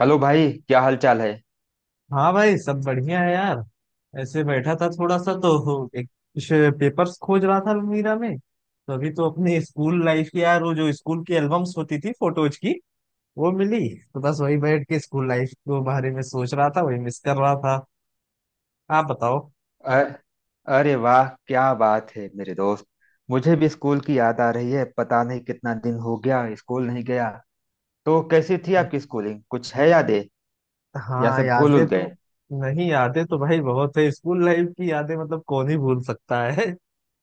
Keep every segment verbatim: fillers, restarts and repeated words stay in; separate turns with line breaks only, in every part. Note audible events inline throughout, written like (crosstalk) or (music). Hello भाई, क्या हाल चाल है।
हाँ भाई, सब बढ़िया है यार। ऐसे बैठा था थोड़ा सा तो (laughs) एक कुछ पेपर्स खोज रहा था अलमीरा में, तो अभी तो अपने स्कूल लाइफ की यार, वो जो स्कूल की एल्बम्स होती थी फोटोज की, वो मिली। तो बस वही बैठ के स्कूल लाइफ के बारे में सोच रहा था, वही मिस कर रहा था। आप बताओ।
अ- अरे वाह, क्या बात है मेरे दोस्त। मुझे भी स्कूल की याद आ रही है। पता नहीं कितना दिन हो गया स्कूल नहीं गया। तो कैसी थी आपकी स्कूलिंग, कुछ है यादें या
हाँ,
सब भूल
यादें
उल गए।
तो। नहीं, यादें तो भाई बहुत है स्कूल लाइफ की। यादें मतलब कौन ही भूल सकता है।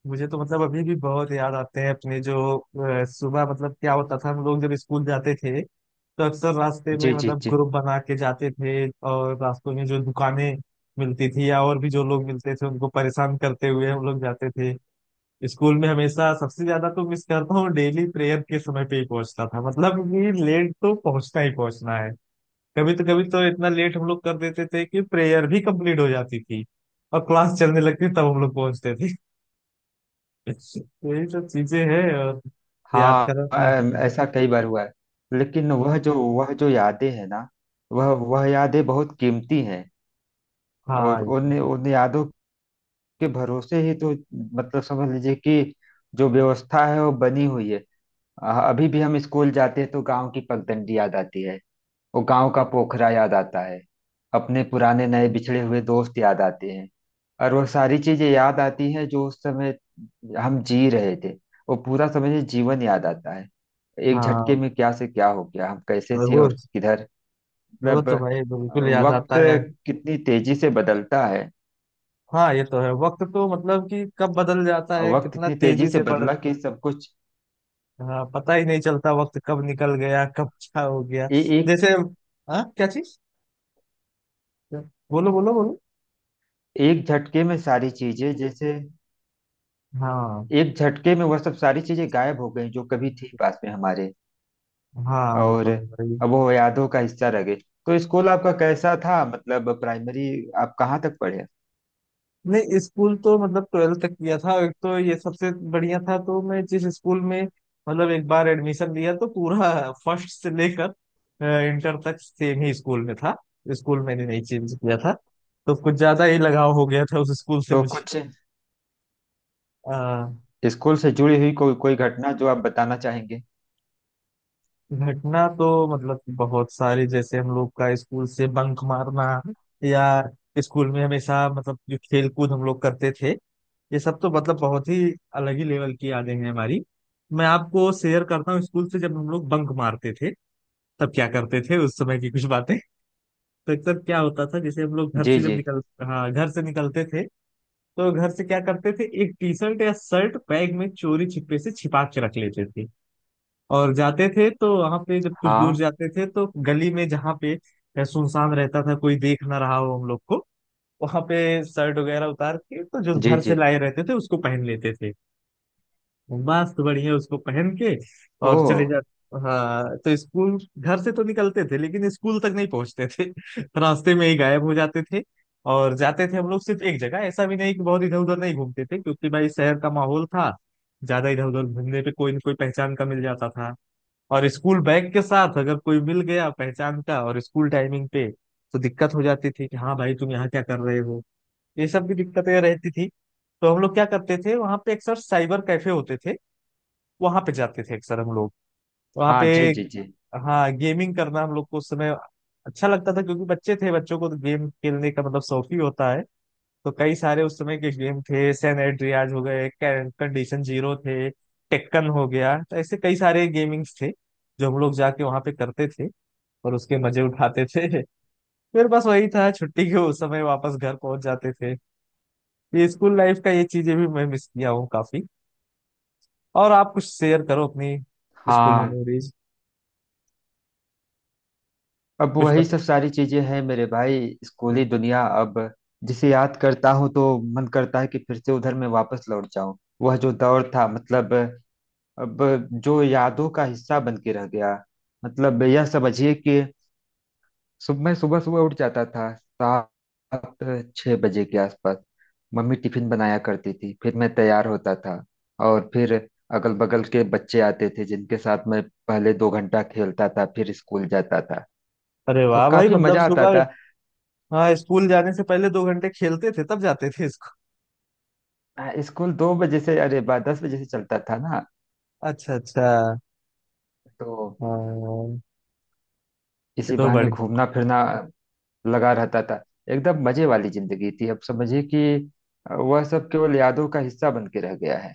मुझे तो मतलब अभी भी बहुत याद आते हैं अपने जो अ, सुबह मतलब क्या होता था। हम लोग जब स्कूल जाते थे तो अक्सर रास्ते में
जी जी
मतलब
जी।
ग्रुप बना के जाते थे, और रास्तों में जो दुकानें मिलती थी या और भी जो लोग मिलते थे उनको परेशान करते हुए हम लोग जाते थे। स्कूल में हमेशा सबसे ज्यादा तो मिस करता हूँ, डेली प्रेयर के समय पे ही पहुंचता था। मतलब कि लेट तो पहुंचना ही पहुंचना है। कभी तो कभी तो इतना लेट हम लोग कर देते थे कि प्रेयर भी कंप्लीट हो जाती थी और क्लास चलने लगती, तब हम लोग पहुंचते थे। (laughs) तो यही सब चीजें हैं। और याद
हाँ
करा था।
अम, ऐसा कई बार हुआ है। लेकिन वह जो वह जो यादें हैं ना। वह वह यादें बहुत कीमती हैं।
हाँ
और
हाँ, ये तो
उन
है।
उन यादों के भरोसे ही तो, मतलब समझ लीजिए कि जो व्यवस्था है वो बनी हुई है। अ- अभी भी हम स्कूल जाते हैं तो गांव की पगडंडी याद आती है। वो गांव का
हाँ
पोखरा याद आता है। अपने पुराने नए बिछड़े हुए दोस्त याद आते हैं। और वो सारी चीजें याद आती हैं जो उस समय हम जी रहे थे। वो पूरा समझिए जीवन याद आता है। एक झटके
हाँ।
में क्या से क्या हो गया, हम कैसे
और
थे
वो
और किधर।
वो
मतलब
तो भाई
अ,
बिल्कुल याद
वक्त
आता है।
कितनी तेजी से बदलता है।
हाँ, ये तो है। वक्त तो मतलब कि कब बदल जाता है,
वक्त
कितना
इतनी तेजी
तेजी
से
से बढ़।
बदला कि सब कुछ,
हाँ, पता ही नहीं चलता वक्त कब निकल गया, कब क्या हो गया।
ए, एक
जैसे। हाँ, क्या चीज? बोलो, बोलो, बोलो।
एक झटके में सारी चीजें जैसे,
हाँ
एक झटके में वह सब सारी चीजें गायब हो गई जो कभी थी पास में हमारे।
हाँ, वो
और
तो है भाई।
अब वो यादों का हिस्सा रह गई। तो स्कूल आपका कैसा था, मतलब प्राइमरी आप कहाँ तक पढ़े।
नहीं, स्कूल तो मतलब ट्वेल्थ तक किया था। एक तो ये सबसे बढ़िया था तो मैं जिस स्कूल में मतलब एक बार एडमिशन लिया तो पूरा (laughs) फर्स्ट से लेकर इंटर तक सेम ही स्कूल में था। स्कूल मैंने नहीं चेंज किया था, तो कुछ ज्यादा ही लगाव हो गया था उस स्कूल से
तो
मुझे।
कुछ
अ,
स्कूल से जुड़ी हुई कोई कोई घटना जो आप बताना चाहेंगे।
घटना तो मतलब बहुत सारी। जैसे हम लोग का स्कूल से बंक मारना, या स्कूल में हमेशा मतलब जो खेल कूद हम लोग करते थे, ये सब तो मतलब बहुत ही अलग ही लेवल की यादें हैं हमारी। मैं आपको शेयर करता हूँ स्कूल से जब हम लोग बंक मारते थे तब क्या करते थे, उस समय की कुछ बातें। तो अक्सर क्या होता था, जैसे हम लोग घर
जी
से जब
जी।
निकल। हाँ, घर से निकलते थे तो घर से क्या करते थे, एक टी शर्ट या शर्ट बैग में चोरी छिपे से छिपा के रख लेते थे। और जाते थे तो वहां पे जब कुछ दूर
हाँ
जाते थे तो गली में जहाँ पे सुनसान रहता था, कोई देख ना रहा हो हम लोग को, वहां पे शर्ट वगैरह उतार के तो जो
जी
घर से
जी।
लाए रहते थे उसको पहन लेते थे। मस्त बढ़िया उसको पहन के और चले
ओह।
जाते। हाँ, तो स्कूल घर से तो निकलते थे लेकिन स्कूल तक नहीं पहुंचते थे। (laughs) रास्ते में ही गायब हो जाते थे। और जाते थे हम लोग सिर्फ एक जगह, ऐसा भी नहीं कि बहुत इधर उधर नहीं घूमते थे, क्योंकि भाई शहर का माहौल था, ज्यादा इधर उधर घूमने पे कोई न कोई पहचान का मिल जाता था। और स्कूल बैग के साथ अगर कोई मिल गया पहचान का और स्कूल टाइमिंग पे, तो दिक्कत हो जाती थी कि हाँ भाई तुम यहाँ क्या कर रहे हो। ये सब भी दिक्कतें रहती थी। तो हम लोग क्या करते थे, वहां पे अक्सर साइबर कैफे होते थे, वहां पे जाते थे अक्सर हम लोग वहां
हाँ
पे।
जी जी जी।
हाँ, गेमिंग करना हम लोग को उस समय अच्छा लगता था, क्योंकि बच्चे थे, बच्चों को तो गेम खेलने का मतलब शौक ही होता है। तो कई सारे उस समय के गेम थे, सैन एंड्रियाज हो गए, कंडीशन जीरो थे, टेक्कन हो गया, तो ऐसे कई सारे गेमिंग्स थे जो हम लोग जाके वहां पे करते थे और उसके मजे उठाते थे। (laughs) फिर बस वही था, छुट्टी के उस समय वापस घर पहुंच जाते थे। ये स्कूल लाइफ का ये चीजें भी मैं मिस किया हूँ काफी। और आप कुछ शेयर करो अपनी स्कूल
हाँ,
मेमोरीज
अब
कुछ।
वही सब सारी चीजें हैं मेरे भाई। स्कूली दुनिया अब जिसे याद करता हूँ तो मन करता है कि फिर से उधर मैं वापस लौट जाऊं। वह जो दौर था, मतलब अब जो यादों का हिस्सा बन के रह गया। मतलब यह समझिए कि सुबह मैं सुबह सुबह उठ जाता था सात छः बजे के आसपास। मम्मी टिफिन बनाया करती थी, फिर मैं तैयार होता था। और फिर अगल बगल के बच्चे आते थे जिनके साथ मैं पहले दो घंटा खेलता था, फिर स्कूल जाता था।
अरे
और
वाह भाई,
काफी
मतलब
मजा आता
सुबह।
था।
हाँ, स्कूल जाने से पहले दो घंटे खेलते थे तब जाते थे स्कूल।
अ, स्कूल दो बजे से, अरे बा दस बजे से चलता था ना।
अच्छा अच्छा।
तो
हाँ, ये
इसी
तो
बहाने
बड़ी।
घूमना फिरना लगा रहता था। एकदम मजे वाली जिंदगी थी, अब समझिए कि वह सब केवल यादों का हिस्सा बन के रह गया है।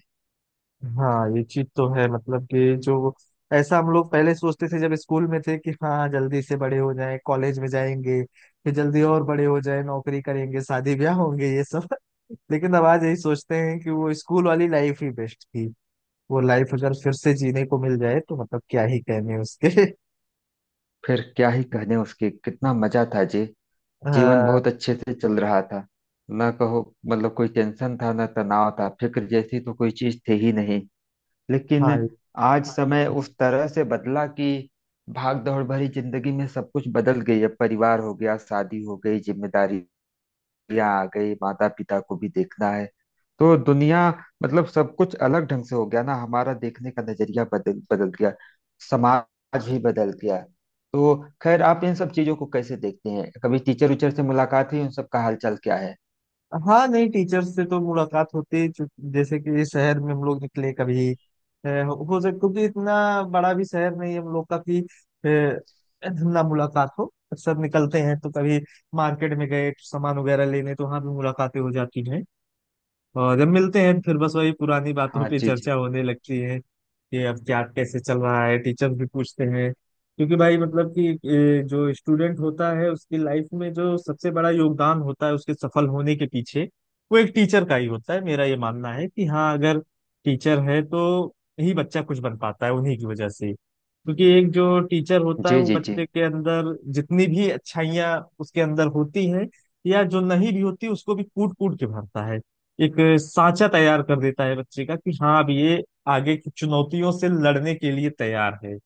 हाँ, ये चीज तो है। मतलब कि जो ऐसा हम लोग पहले सोचते थे जब स्कूल में थे कि हाँ जल्दी से बड़े हो जाएं, कॉलेज में जाएंगे, फिर जल्दी और बड़े हो जाएं, नौकरी करेंगे, शादी ब्याह होंगे, ये सब (laughs) लेकिन अब आज यही सोचते हैं कि वो स्कूल वाली लाइफ ही बेस्ट थी। वो लाइफ अगर फिर से जीने को मिल जाए तो मतलब क्या ही कहने उसके।
फिर क्या ही कहने उसके, कितना मजा था जी।
(laughs)
जीवन बहुत
हाँ।
अच्छे से चल रहा था ना, कहो मतलब कोई टेंशन था ना तनाव था, फिक्र जैसी तो कोई चीज थी ही नहीं। लेकिन
हाँ।
आज समय उस तरह से बदला कि भाग दौड़ भरी जिंदगी में सब कुछ बदल गई है। परिवार हो गया, शादी हो गई, जिम्मेदारी या आ गई, माता पिता को भी देखना है। तो दुनिया, मतलब सब कुछ अलग ढंग से हो गया, ना हमारा देखने का नजरिया बदल बदल गया, समाज ही बदल गया। तो खैर, आप इन सब चीजों को कैसे देखते हैं, कभी टीचर उचर से मुलाकात हुई, उन सब का हालचाल क्या है।
हाँ नहीं, टीचर से तो मुलाकात होती है, चूंकि- जैसे कि इस शहर में हम लोग निकले कभी। अ, हो सकता, क्योंकि इतना बड़ा भी शहर नहीं है हम लोग का कि अ, ना मुलाकात हो। अक्सर निकलते हैं तो कभी मार्केट में गए सामान वगैरह लेने तो वहाँ भी मुलाकातें हो जाती हैं। और जब मिलते हैं फिर बस वही पुरानी बातों
हाँ
पे
जी जी।
चर्चा होने लगती है कि अब क्या कैसे चल रहा है। टीचर भी पूछते हैं, क्योंकि भाई मतलब कि ए, जो स्टूडेंट होता है उसकी लाइफ में जो सबसे बड़ा योगदान होता है उसके सफल होने के पीछे, वो एक टीचर का ही होता है। मेरा ये मानना है कि हाँ, अगर टीचर है तो ही बच्चा कुछ बन पाता है, उन्हीं की वजह से। क्योंकि एक जो टीचर होता है
जी
वो
जी जी।
बच्चे के अंदर जितनी भी अच्छाइयाँ उसके अंदर होती हैं, या जो नहीं भी होती उसको भी कूट कूट के भरता है। एक साँचा तैयार कर देता है बच्चे का कि हाँ अब ये आगे की चुनौतियों से लड़ने के लिए तैयार है।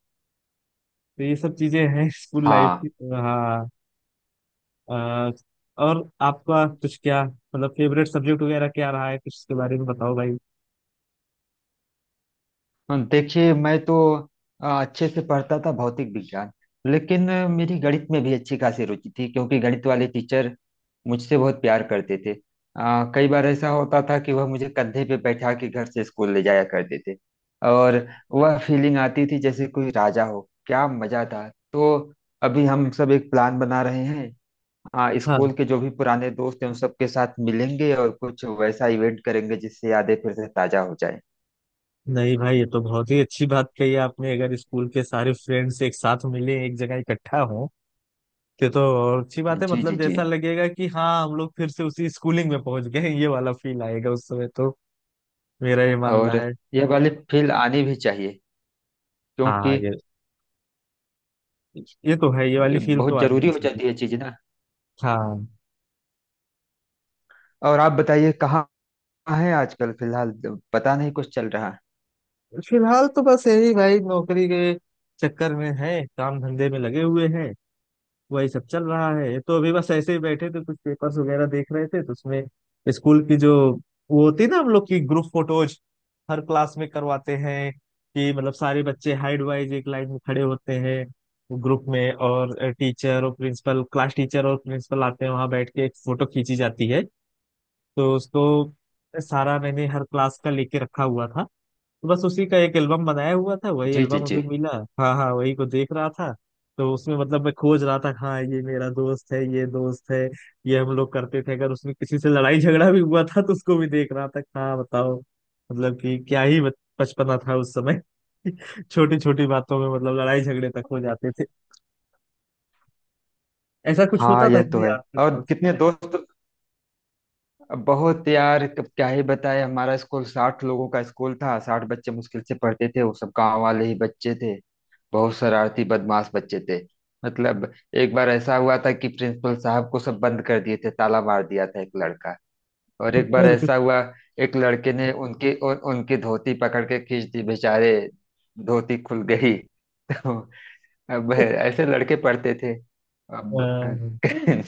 तो ये सब चीजें हैं स्कूल लाइफ
हाँ
की। हाँ। अ, और आपका कुछ क्या मतलब फेवरेट सब्जेक्ट वगैरह क्या रहा है? कुछ इसके बारे में बताओ भाई।
हाँ, देखिए मैं तो आ, अच्छे से पढ़ता था भौतिक विज्ञान। लेकिन आ, मेरी गणित में भी अच्छी खासी रुचि थी क्योंकि गणित वाले टीचर मुझसे बहुत प्यार करते थे। आ, कई बार ऐसा होता था कि वह मुझे कंधे पे बैठा के घर से स्कूल ले जाया करते थे। और वह फीलिंग आती थी जैसे कोई राजा हो, क्या मजा था। तो अभी हम सब एक प्लान बना रहे हैं। आ,
हाँ।
स्कूल के जो भी पुराने दोस्त हैं उन सबके साथ मिलेंगे और कुछ वैसा इवेंट करेंगे जिससे यादें फिर से ताजा हो जाए।
नहीं भाई, ये तो बहुत ही अच्छी बात कही आपने, अगर स्कूल के सारे फ्रेंड्स एक साथ मिले, एक जगह इकट्ठा हो। ये तो और अच्छी बात है,
जी जी
मतलब
जी।
जैसा लगेगा कि हाँ हम लोग फिर से उसी स्कूलिंग में पहुंच गए हैं, ये वाला फील आएगा उस समय तो। मेरा ये मानना
और
है।
यह वाली फील आनी भी चाहिए,
हाँ,
क्योंकि
ये ये तो है। ये वाली फील तो
बहुत
आनी
जरूरी
ही
हो
चाहिए।
जाती है चीज ना।
हाँ।
और आप बताइए कहाँ है आजकल, फिलहाल पता नहीं कुछ चल रहा है।
फिलहाल तो बस यही भाई, नौकरी के चक्कर में है, काम धंधे में लगे हुए हैं। वही सब चल रहा है। तो अभी बस ऐसे ही बैठे थे, कुछ पेपर्स वगैरह देख रहे थे, तो उसमें स्कूल की जो वो होती है ना हम लोग की ग्रुप फोटोज, हर क्लास में करवाते हैं कि मतलब सारे बच्चे हाइड वाइज एक लाइन में खड़े होते हैं ग्रुप में, और टीचर और प्रिंसिपल, क्लास टीचर और प्रिंसिपल आते हैं वहां बैठ के एक फोटो खींची जाती है। तो उसको सारा मैंने हर क्लास का लेके रखा हुआ था। तो बस उसी का एक एल्बम बनाया हुआ था, वही
जी जी
एल्बम
जी।
अभी मिला। हाँ हाँ, वही को देख रहा था। तो उसमें मतलब मैं खोज रहा था कि हाँ ये मेरा दोस्त है, ये दोस्त है, ये हम लोग करते थे। अगर उसमें किसी से लड़ाई झगड़ा भी हुआ था तो उसको भी देख रहा था कि हाँ बताओ, मतलब कि क्या ही बच- बचपना था उस समय। (laughs) छोटी छोटी बातों में मतलब लड़ाई झगड़े तक हो जाते थे। ऐसा कुछ
हाँ
होता था
यह
कि
तो
नहीं
है।
आपके साथ?
और कितने दोस्त बहुत यार, कब क्या ही बताए। हमारा स्कूल साठ लोगों का स्कूल था, साठ बच्चे मुश्किल से पढ़ते थे, वो सब गांव वाले ही बच्चे थे। बहुत शरारती बदमाश बच्चे थे। मतलब एक बार ऐसा हुआ था कि प्रिंसिपल साहब को सब बंद कर दिए थे, ताला मार दिया था एक लड़का। और
(laughs)
एक बार
फिर,
ऐसा हुआ, एक लड़के ने उनकी उन, उनकी धोती पकड़ के खींच दी बेचारे, धोती खुल गई। (laughs) तो अब ऐसे लड़के पढ़ते थे
अ,
अब। (laughs)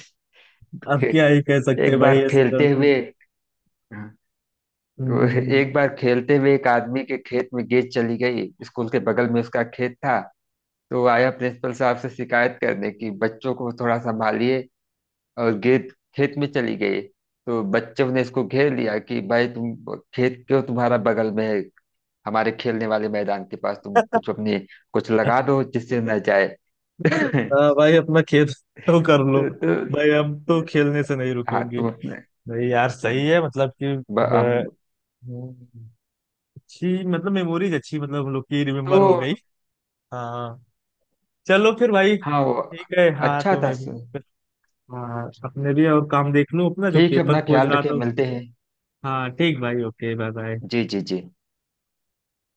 अब क्या ही कह सकते हैं
एक
भाई
बार
ऐसे
खेलते
लड़कों।
हुए तो
हम्म,
एक बार खेलते हुए एक आदमी के खेत में गेंद चली गई, स्कूल के बगल में उसका खेत था। तो वो आया प्रिंसिपल साहब से शिकायत करने की बच्चों को थोड़ा संभालिए, और गेट खेत में चली गई। तो बच्चों ने इसको घेर लिया कि भाई तुम, खेत क्यों तुम्हारा बगल में है हमारे खेलने वाले मैदान के पास, तुम कुछ अपने कुछ लगा दो जिससे न जाए। (laughs) तो,
अच्छा भाई अपना खेल (laughs) तो कर
तो
लो। भाई हम तो खेलने से नहीं
हाँ
रुकेंगे।
तुम अपने,
नहीं यार, सही है मतलब कि
ब-
अ,
हम,
हम्म, अच्छी मतलब मेमोरीज, अच्छी मतलब हम लोग की
तो
रिमेम्बर हो गई। हाँ। चलो फिर भाई,
हाँ वो
ठीक है। हाँ
अच्छा
तो
था
मैं भी।
सर।
हाँ, अपने भी और काम देख लूं, अपना जो
ठीक है,
पेपर
अपना
खोज
ख्याल
रहा
रखे
था उस।
मिलते हैं।
हाँ ठीक भाई, ओके बाय बाय।
जी जी जी।